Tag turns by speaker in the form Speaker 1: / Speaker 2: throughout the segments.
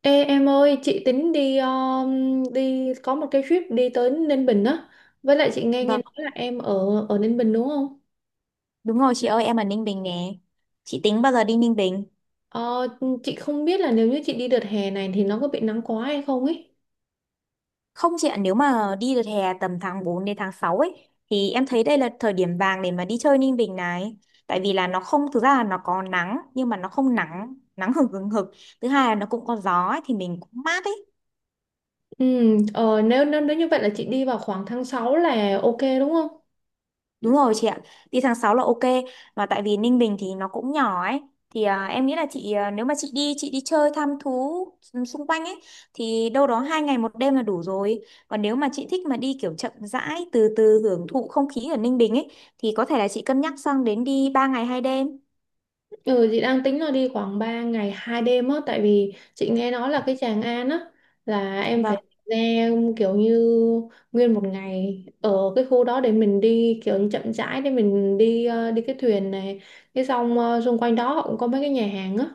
Speaker 1: Ê em ơi, chị tính đi đi có một cái trip đi tới Ninh Bình á. Với lại chị nghe nghe
Speaker 2: Vâng,
Speaker 1: nói là em ở ở Ninh Bình đúng không?
Speaker 2: đúng rồi chị ơi, em ở Ninh Bình nè. Chị tính bao giờ đi Ninh Bình?
Speaker 1: Ờ, chị không biết là nếu như chị đi đợt hè này thì nó có bị nắng quá hay không ấy.
Speaker 2: Không chị ạ, nếu mà đi được hè tầm tháng 4 đến tháng 6 ấy, thì em thấy đây là thời điểm vàng để mà đi chơi Ninh Bình này. Tại vì là nó không, thực ra là nó có nắng, nhưng mà nó không nắng, nắng hừng hừng hực. Thứ hai là nó cũng có gió ấy, thì mình cũng mát ấy.
Speaker 1: Ừ, nếu, nếu nếu như vậy là chị đi vào khoảng tháng 6 là ok đúng không?
Speaker 2: Đúng rồi chị ạ, đi tháng 6 là ok, mà tại vì Ninh Bình thì nó cũng nhỏ ấy, thì à, em nghĩ là chị à, nếu mà chị đi chơi thăm thú xung quanh ấy thì đâu đó 2 ngày 1 đêm là đủ rồi, còn nếu mà chị thích mà đi kiểu chậm rãi từ từ hưởng thụ không khí ở Ninh Bình ấy thì có thể là chị cân nhắc sang đến đi 3 ngày 2 đêm.
Speaker 1: Ừ, chị đang tính là đi khoảng 3 ngày 2 đêm á, tại vì chị nghe nói là cái Tràng An á là em
Speaker 2: Vâng,
Speaker 1: phải ra kiểu như nguyên một ngày ở cái khu đó để mình đi kiểu như chậm rãi, để mình đi đi cái thuyền này, cái xong xung quanh đó họ cũng có mấy cái nhà hàng á,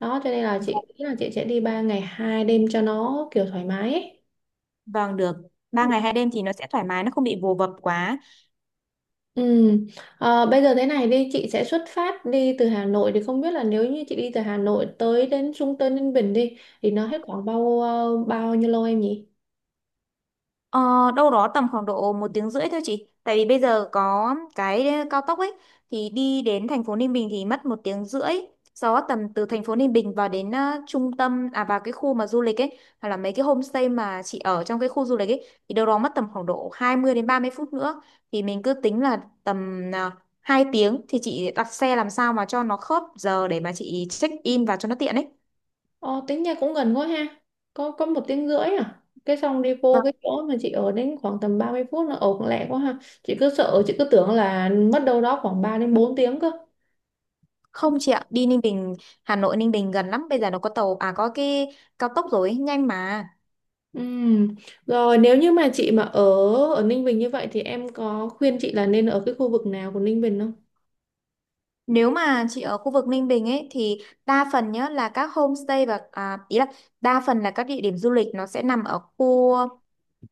Speaker 1: đó cho nên là chị
Speaker 2: vâng,
Speaker 1: nghĩ là chị sẽ đi 3 ngày 2 đêm cho nó kiểu thoải mái ấy.
Speaker 2: vâng, được. 3 ngày 2 đêm thì nó sẽ thoải mái, nó không bị vồ vập quá.
Speaker 1: Ừ. Ờ, bây giờ thế này đi, chị sẽ xuất phát đi từ Hà Nội, thì không biết là nếu như chị đi từ Hà Nội tới đến Trung Tân Ninh Bình đi thì nó hết khoảng bao nhiêu lâu em nhỉ?
Speaker 2: Ờ, đâu đó tầm khoảng độ 1 tiếng rưỡi thôi chị. Tại vì bây giờ có cái cao tốc ấy thì đi đến thành phố Ninh Bình thì mất 1 tiếng rưỡi. Sau đó tầm từ thành phố Ninh Bình vào đến trung tâm, à, vào cái khu mà du lịch ấy, hoặc là mấy cái homestay mà chị ở trong cái khu du lịch ấy, thì đâu đó mất tầm khoảng độ 20 đến 30 phút nữa. Thì mình cứ tính là tầm uh, 2 tiếng thì chị đặt xe làm sao mà cho nó khớp giờ để mà chị check in vào cho nó tiện ấy.
Speaker 1: Ờ, tính ra cũng gần quá ha. Có 1 tiếng rưỡi à? Cái xong đi vô cái chỗ mà chị ở đến khoảng tầm 30 phút, nó ở cũng lẹ quá ha. Chị cứ sợ, chị cứ tưởng là mất đâu đó khoảng 3 đến 4 tiếng cơ.
Speaker 2: Không chị ạ, đi Ninh Bình, Hà Nội Ninh Bình gần lắm, bây giờ nó có tàu, à, có cái cao tốc rồi, nhanh mà.
Speaker 1: Ừ. Rồi nếu như mà chị mà ở ở Ninh Bình như vậy thì em có khuyên chị là nên ở cái khu vực nào của Ninh Bình không?
Speaker 2: Nếu mà chị ở khu vực Ninh Bình ấy thì đa phần nhá là các homestay và à, ý là đa phần là các địa điểm du lịch nó sẽ nằm ở khu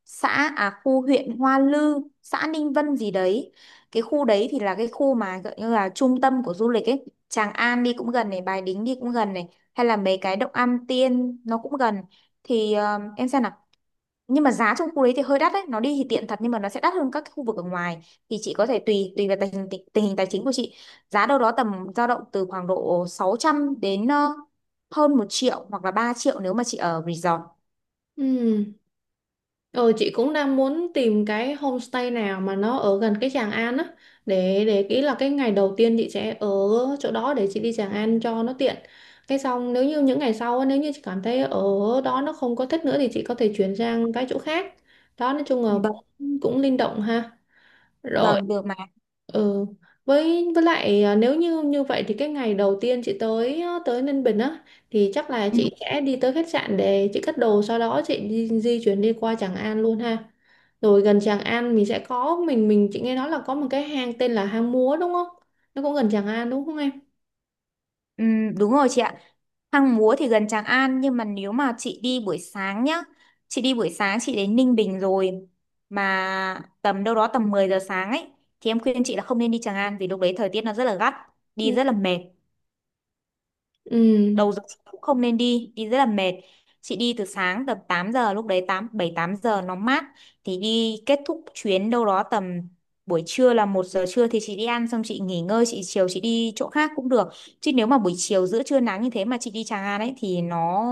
Speaker 2: xã à khu huyện Hoa Lư, xã Ninh Vân gì đấy. Cái khu đấy thì là cái khu mà gọi như là trung tâm của du lịch ấy. Tràng An đi cũng gần này, Bài Đính đi cũng gần này, hay là mấy cái Động Am Tiên nó cũng gần. Thì em xem nào, nhưng mà giá trong khu đấy thì hơi đắt đấy, nó đi thì tiện thật nhưng mà nó sẽ đắt hơn các cái khu vực ở ngoài, thì chị có thể tùy tùy vào tình hình tài chính của chị. Giá đâu đó tầm dao động từ khoảng độ 600 đến hơn 1 triệu hoặc là 3 triệu nếu mà chị ở resort.
Speaker 1: Ừ. Ờ, chị cũng đang muốn tìm cái homestay nào mà nó ở gần cái Tràng An á, để ý là cái ngày đầu tiên chị sẽ ở chỗ đó để chị đi Tràng An cho nó tiện. Cái xong nếu như những ngày sau á, nếu như chị cảm thấy ở đó nó không có thích nữa thì chị có thể chuyển sang cái chỗ khác. Đó, nói chung là
Speaker 2: Vâng,
Speaker 1: cũng linh động ha. Rồi,
Speaker 2: vâng được mà.
Speaker 1: ừ, với lại à, nếu như như vậy thì cái ngày đầu tiên chị tới à, tới Ninh Bình á, thì chắc là
Speaker 2: Ừ,
Speaker 1: chị sẽ đi tới khách sạn để chị cất đồ, sau đó chị di chuyển đi qua Tràng An luôn ha. Rồi gần Tràng An mình sẽ có mình chị nghe nói là có một cái hang tên là hang Múa đúng không, nó cũng gần Tràng An đúng không em?
Speaker 2: ừ, đúng rồi chị ạ. Hang Múa thì gần Tràng An, nhưng mà nếu mà chị đi buổi sáng nhá, chị đi buổi sáng chị đến Ninh Bình rồi mà tầm đâu đó tầm 10 giờ sáng ấy, thì em khuyên chị là không nên đi Tràng An vì lúc đấy thời tiết nó rất là gắt,
Speaker 1: Ừ.
Speaker 2: đi rất là mệt.
Speaker 1: Ừ.
Speaker 2: Đầu giờ chị cũng không nên đi, đi rất là mệt. Chị đi từ sáng tầm 8 giờ, lúc đấy 8 7 8 giờ nó mát, thì đi kết thúc chuyến đâu đó tầm buổi trưa là 1 giờ trưa thì chị đi ăn xong chị nghỉ ngơi, chị chiều chị đi chỗ khác cũng được. Chứ nếu mà buổi chiều giữa trưa nắng như thế mà chị đi Tràng An ấy thì nó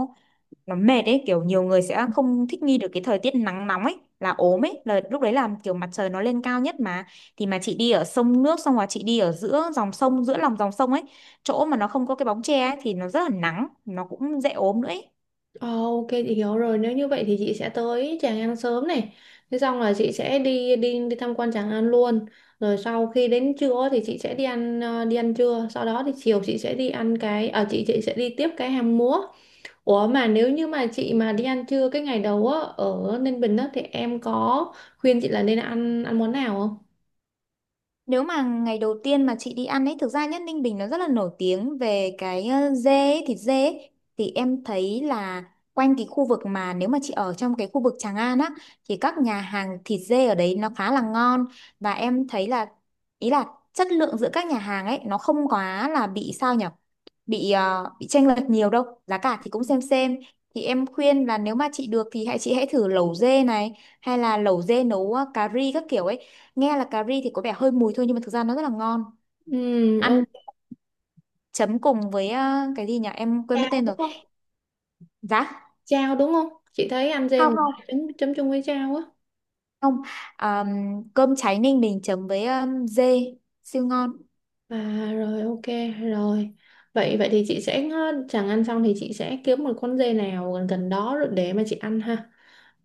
Speaker 2: nó mệt ấy, kiểu nhiều người sẽ không thích nghi được cái thời tiết nắng nóng ấy là ốm ấy, là lúc đấy là kiểu mặt trời nó lên cao nhất mà, thì mà chị đi ở sông nước xong rồi chị đi ở giữa dòng sông giữa lòng dòng sông ấy, chỗ mà nó không có cái bóng che ấy, thì nó rất là nắng nó cũng dễ ốm nữa ấy.
Speaker 1: Ờ, ok chị hiểu rồi. Nếu như vậy thì chị sẽ tới Tràng An sớm này, thế xong là chị sẽ đi đi đi tham quan Tràng An luôn, rồi sau khi đến trưa thì chị sẽ đi ăn trưa, sau đó thì chiều chị sẽ đi ăn cái ở chị sẽ đi tiếp cái hang múa. Ủa, mà nếu như mà chị mà đi ăn trưa cái ngày đầu á ở Ninh Bình á, thì em có khuyên chị là nên ăn ăn món nào không?
Speaker 2: Nếu mà ngày đầu tiên mà chị đi ăn ấy, thực ra nhất Ninh Bình nó rất là nổi tiếng về cái dê, ấy, thịt dê ấy. Thì em thấy là quanh cái khu vực mà nếu mà chị ở trong cái khu vực Tràng An á, thì các nhà hàng thịt dê ở đấy nó khá là ngon. Và em thấy là, ý là chất lượng giữa các nhà hàng ấy, nó không quá là bị sao nhở. Bị bị chênh lệch nhiều đâu. Giá cả thì cũng xem xem. Thì em khuyên là nếu mà chị được thì chị hãy thử lẩu dê này, hay là lẩu dê nấu cà ri các kiểu ấy. Nghe là cà ri thì có vẻ hơi mùi thôi nhưng mà thực ra nó rất là ngon.
Speaker 1: Ừ,
Speaker 2: Ăn
Speaker 1: ok,
Speaker 2: chấm cùng với cái gì nhỉ, em quên mất
Speaker 1: chao
Speaker 2: tên
Speaker 1: đúng
Speaker 2: rồi.
Speaker 1: không?
Speaker 2: Giá
Speaker 1: Chao đúng không? Chị thấy ăn dê
Speaker 2: không,
Speaker 1: người
Speaker 2: không,
Speaker 1: ta chấm chấm chung với chao á.
Speaker 2: không. Ờm, Cơm cháy Ninh Bình chấm với dê siêu ngon.
Speaker 1: À rồi ok rồi. Vậy vậy thì chị sẽ chẳng ăn xong thì chị sẽ kiếm một con dê nào gần gần đó rồi để mà chị ăn ha.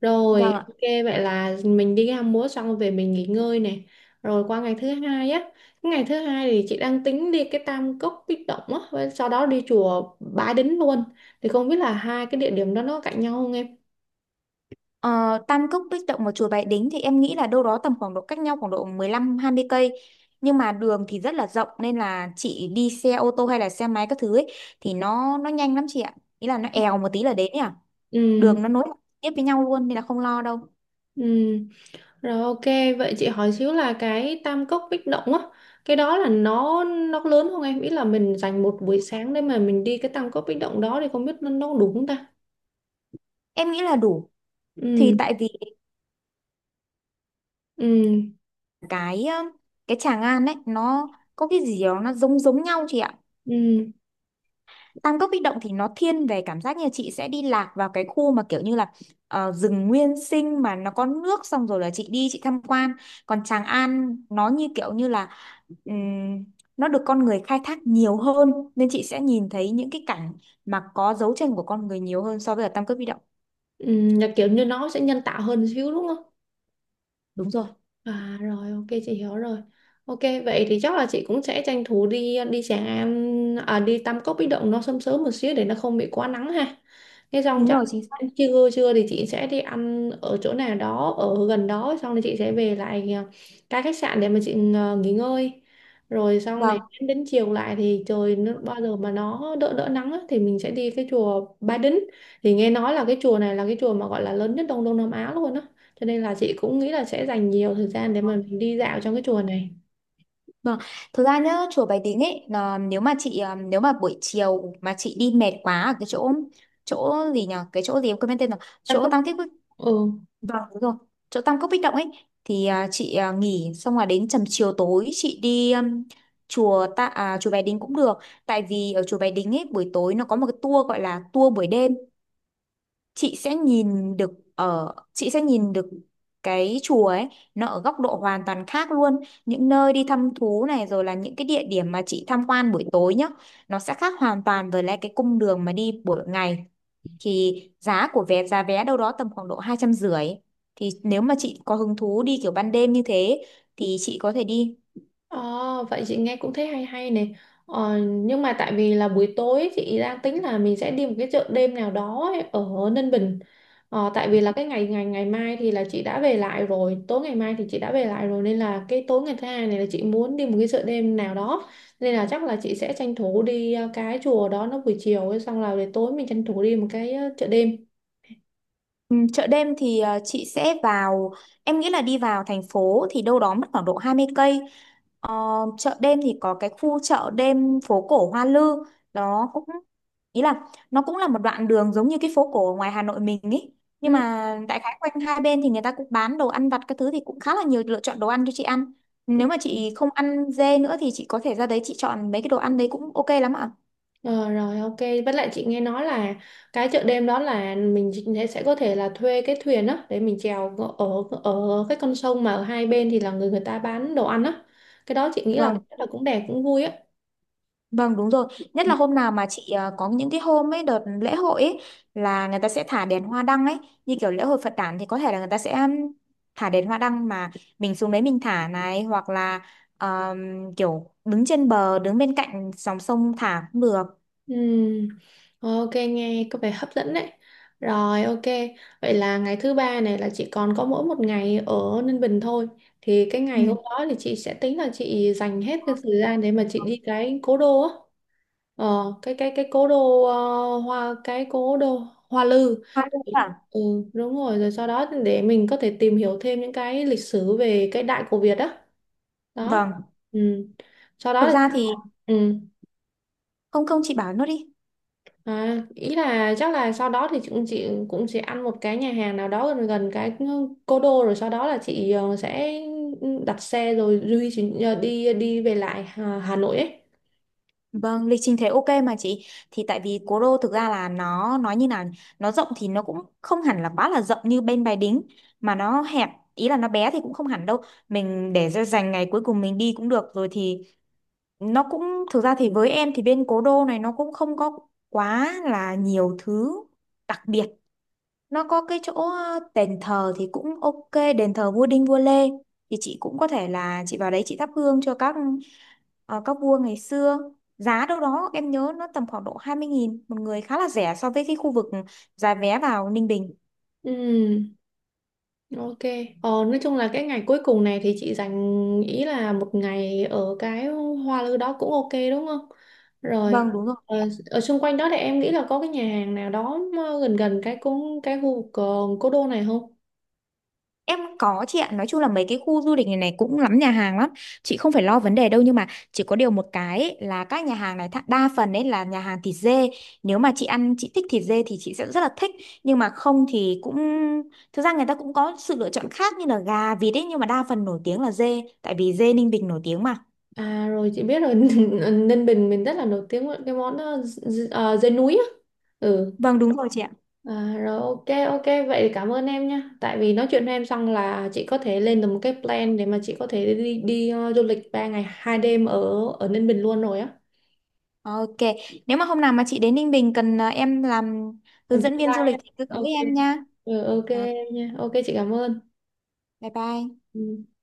Speaker 1: Rồi
Speaker 2: Vâng ạ.
Speaker 1: ok, vậy là mình đi ham múa xong về mình nghỉ ngơi này. Rồi qua ngày thứ hai á. Ngày thứ hai thì chị đang tính đi cái Tam Cốc Bích Động á, và sau đó đi chùa Bái Đính luôn. Thì không biết là hai cái địa điểm đó nó cạnh nhau không em?
Speaker 2: Ờ, Tam Cốc Bích Động và chùa Bái Đính thì em nghĩ là đâu đó tầm khoảng độ cách nhau khoảng độ 15-20 cây, nhưng mà đường thì rất là rộng nên là chị đi xe ô tô hay là xe máy các thứ ấy, thì nó nhanh lắm chị ạ, ý là nó èo một tí là đến ấy à.
Speaker 1: Ừ.
Speaker 2: Đường nó nối tiếp với nhau luôn nên là không lo đâu.
Speaker 1: Ừ. Rồi ok, vậy chị hỏi xíu là cái tam cốc bích động á, cái đó là nó lớn không em? Ý là mình dành một buổi sáng để mà mình đi cái tam cốc bích động đó thì không biết nó có đủ không ta?
Speaker 2: Em nghĩ là đủ,
Speaker 1: Ừ,
Speaker 2: thì tại vì
Speaker 1: ừ,
Speaker 2: cái ờ, cái Tràng An ấy nó có cái gì đó nó giống giống nhau chị ạ.
Speaker 1: ừ,
Speaker 2: Tam Cốc Bích Động thì nó thiên về cảm giác như chị sẽ đi lạc vào cái khu mà kiểu như là rừng nguyên sinh mà nó có nước xong rồi là chị đi chị tham quan. Còn Tràng An nó như kiểu như là ừm, nó được con người khai thác nhiều hơn, nên chị sẽ nhìn thấy những cái cảnh mà có dấu chân của con người nhiều hơn so với ở Tam Cốc Bích Động.
Speaker 1: ừ, là kiểu như nó sẽ nhân tạo hơn xíu đúng không?
Speaker 2: Đúng rồi.
Speaker 1: À rồi ok chị hiểu rồi. Ok, vậy thì chắc là chị cũng sẽ tranh thủ đi đi Tràng An à, đi Tam Cốc Bích Động nó sớm sớm một xíu để nó không bị quá nắng ha. Thế xong
Speaker 2: Đúng
Speaker 1: chắc
Speaker 2: rồi, chính xác.
Speaker 1: trưa trưa thì chị sẽ đi ăn ở chỗ nào đó ở gần đó, xong thì chị sẽ về lại à, cái khách sạn để mà chị à, nghỉ ngơi. Rồi xong để
Speaker 2: Vâng.
Speaker 1: đến chiều lại thì trời nó, bao giờ mà nó đỡ đỡ nắng á, thì mình sẽ đi cái chùa Ba Đính. Thì nghe nói là cái chùa này là cái chùa mà gọi là lớn nhất Đông Đông Nam Á luôn á, cho nên là chị cũng nghĩ là sẽ dành nhiều thời gian để mà mình đi dạo trong cái chùa này.
Speaker 2: Vâng. Thực ra nhá, chùa Bái Đính ấy là nếu mà chị à, nếu mà buổi chiều mà chị đi mệt quá ở cái chỗ, chỗ gì nhỉ? Cái chỗ gì em quên mất tên rồi.
Speaker 1: Em
Speaker 2: Chỗ
Speaker 1: có
Speaker 2: Tam Kích Bích.
Speaker 1: ừ.
Speaker 2: Vâng, đúng rồi. Chỗ Tam Cốc Bích Động ấy thì à, chị à, nghỉ xong là đến tầm chiều tối chị đi chùa ta, à, chùa Bái Đính cũng được. Tại vì ở chùa Bái Đính ấy buổi tối nó có một cái tour gọi là tour buổi đêm, chị sẽ nhìn được, ở chị sẽ nhìn được cái chùa ấy nó ở góc độ hoàn toàn khác luôn. Những nơi đi thăm thú này rồi là những cái địa điểm mà chị tham quan buổi tối nhá, nó sẽ khác hoàn toàn với lại cái cung đường mà đi buổi ngày. Thì giá của vé, giá vé đâu đó tầm khoảng độ 250. Thì nếu mà chị có hứng thú đi kiểu ban đêm như thế thì chị có thể đi.
Speaker 1: Ờ, vậy chị nghe cũng thấy hay hay này. Ờ, nhưng mà tại vì là buổi tối chị đang tính là mình sẽ đi một cái chợ đêm nào đó ấy, ở Ninh Bình. Ờ, tại vì là cái ngày ngày ngày mai thì là chị đã về lại rồi, tối ngày mai thì chị đã về lại rồi, nên là cái tối ngày thứ hai này là chị muốn đi một cái chợ đêm nào đó. Nên là chắc là chị sẽ tranh thủ đi cái chùa đó nó buổi chiều ấy, xong là để tối mình tranh thủ đi một cái chợ đêm.
Speaker 2: Ừ, chợ đêm thì chị sẽ vào, em nghĩ là đi vào thành phố thì đâu đó mất khoảng độ 20 cây. Ờ, chợ đêm thì có cái khu chợ đêm phố cổ Hoa Lư, đó cũng, ý là nó cũng là một đoạn đường giống như cái phố cổ ở ngoài Hà Nội mình ý. Nhưng
Speaker 1: Ừ.
Speaker 2: mà đại khái quanh hai bên thì người ta cũng bán đồ ăn vặt các thứ, thì cũng khá là nhiều lựa chọn đồ ăn cho chị ăn. Nếu mà chị không ăn dê nữa thì chị có thể ra đấy chị chọn mấy cái đồ ăn đấy cũng ok lắm ạ.
Speaker 1: Ờ, rồi ok, với lại chị nghe nói là cái chợ đêm đó là mình sẽ có thể là thuê cái thuyền á để mình chèo ở ở cái con sông mà ở hai bên thì là người người ta bán đồ ăn á, cái đó chị nghĩ là
Speaker 2: Vâng.
Speaker 1: chắc là cũng đẹp cũng vui á.
Speaker 2: Vâng, đúng rồi, nhất
Speaker 1: Ừ.
Speaker 2: là hôm nào mà chị có những cái hôm ấy đợt lễ hội ấy là người ta sẽ thả đèn hoa đăng ấy, như kiểu lễ hội Phật đản thì có thể là người ta sẽ thả đèn hoa đăng mà mình xuống đấy mình thả này, hoặc là um, kiểu đứng trên bờ, đứng bên cạnh dòng sông thả cũng được.
Speaker 1: Ừm, ok nghe có vẻ hấp dẫn đấy. Rồi ok, vậy là ngày thứ ba này là chị còn có mỗi một ngày ở Ninh Bình thôi, thì cái
Speaker 2: Ừ.
Speaker 1: ngày hôm đó thì chị sẽ tính là chị dành hết cái thời gian để mà chị đi cái cố đô á. Ờ, cái cố đô ờ, hoa cái cố đô Hoa Lư.
Speaker 2: Hoa luôn à?
Speaker 1: Ừ, đúng rồi, rồi sau đó để mình có thể tìm hiểu thêm những cái lịch sử về cái Đại cổ Việt đó đó.
Speaker 2: Vâng,
Speaker 1: Ừ. Sau
Speaker 2: thực
Speaker 1: đó
Speaker 2: ra thì
Speaker 1: thì ừ.
Speaker 2: không, không, chị bảo nốt đi.
Speaker 1: À, ý là chắc là sau đó thì chị cũng sẽ ăn một cái nhà hàng nào đó gần gần cái cố đô, rồi sau đó là chị sẽ đặt xe rồi duy chị đi đi về lại Hà Nội ấy.
Speaker 2: Vâng, lịch trình thế ok mà chị, thì tại vì Cố Đô thực ra là nó nói như nào nhỉ? Nó rộng thì nó cũng không hẳn là quá là rộng như bên Bài Đính mà nó hẹp, ý là nó bé thì cũng không hẳn đâu. Mình để ra dành ngày cuối cùng mình đi cũng được rồi, thì nó cũng, thực ra thì với em thì bên Cố Đô này nó cũng không có quá là nhiều thứ đặc biệt. Nó có cái chỗ đền thờ thì cũng ok, đền thờ vua Đinh vua Lê, thì chị cũng có thể là chị vào đấy chị thắp hương cho các vua ngày xưa. Giá đâu đó em nhớ nó tầm khoảng độ 20.000 một người, khá là rẻ so với cái khu vực giá vé vào Ninh Bình.
Speaker 1: Ừ. Ok. Ờ, nói chung là cái ngày cuối cùng này thì chị dành ý là một ngày ở cái Hoa Lư đó cũng ok đúng không? Rồi.
Speaker 2: Vâng, đúng rồi.
Speaker 1: Ờ, ở xung quanh đó thì em nghĩ là có cái nhà hàng nào đó mà gần gần cái cũng cái khu vực cố đô này không?
Speaker 2: Em có chị ạ, nói chung là mấy cái khu du lịch này này cũng lắm nhà hàng lắm, chị không phải lo vấn đề đâu. Nhưng mà chỉ có điều một cái ấy, là các nhà hàng này đa phần ấy là nhà hàng thịt dê. Nếu mà chị ăn chị thích thịt dê thì chị sẽ rất là thích, nhưng mà không thì cũng, thực ra người ta cũng có sự lựa chọn khác như là gà vịt ấy, nhưng mà đa phần nổi tiếng là dê tại vì dê Ninh Bình nổi tiếng mà.
Speaker 1: À rồi chị biết rồi Ninh Bình mình rất là nổi tiếng với cái món dê núi á. Ừ.
Speaker 2: Vâng, đúng rồi chị ạ.
Speaker 1: À, rồi ok ok, vậy thì cảm ơn em nhé, tại vì nói chuyện với em xong là chị có thể lên được một cái plan để mà chị có thể đi đi ờ, du lịch 3 ngày 2 đêm ở ở Ninh Bình luôn rồi á.
Speaker 2: Ok, nếu mà hôm nào mà chị đến Ninh Bình cần à, em làm
Speaker 1: Em
Speaker 2: hướng dẫn
Speaker 1: tương
Speaker 2: viên du
Speaker 1: lai á.
Speaker 2: lịch thì cứ tới
Speaker 1: Ok,
Speaker 2: em nha.
Speaker 1: ừ, ok
Speaker 2: Ok,
Speaker 1: em nha, ok chị cảm ơn.
Speaker 2: bye bye.
Speaker 1: Ừ.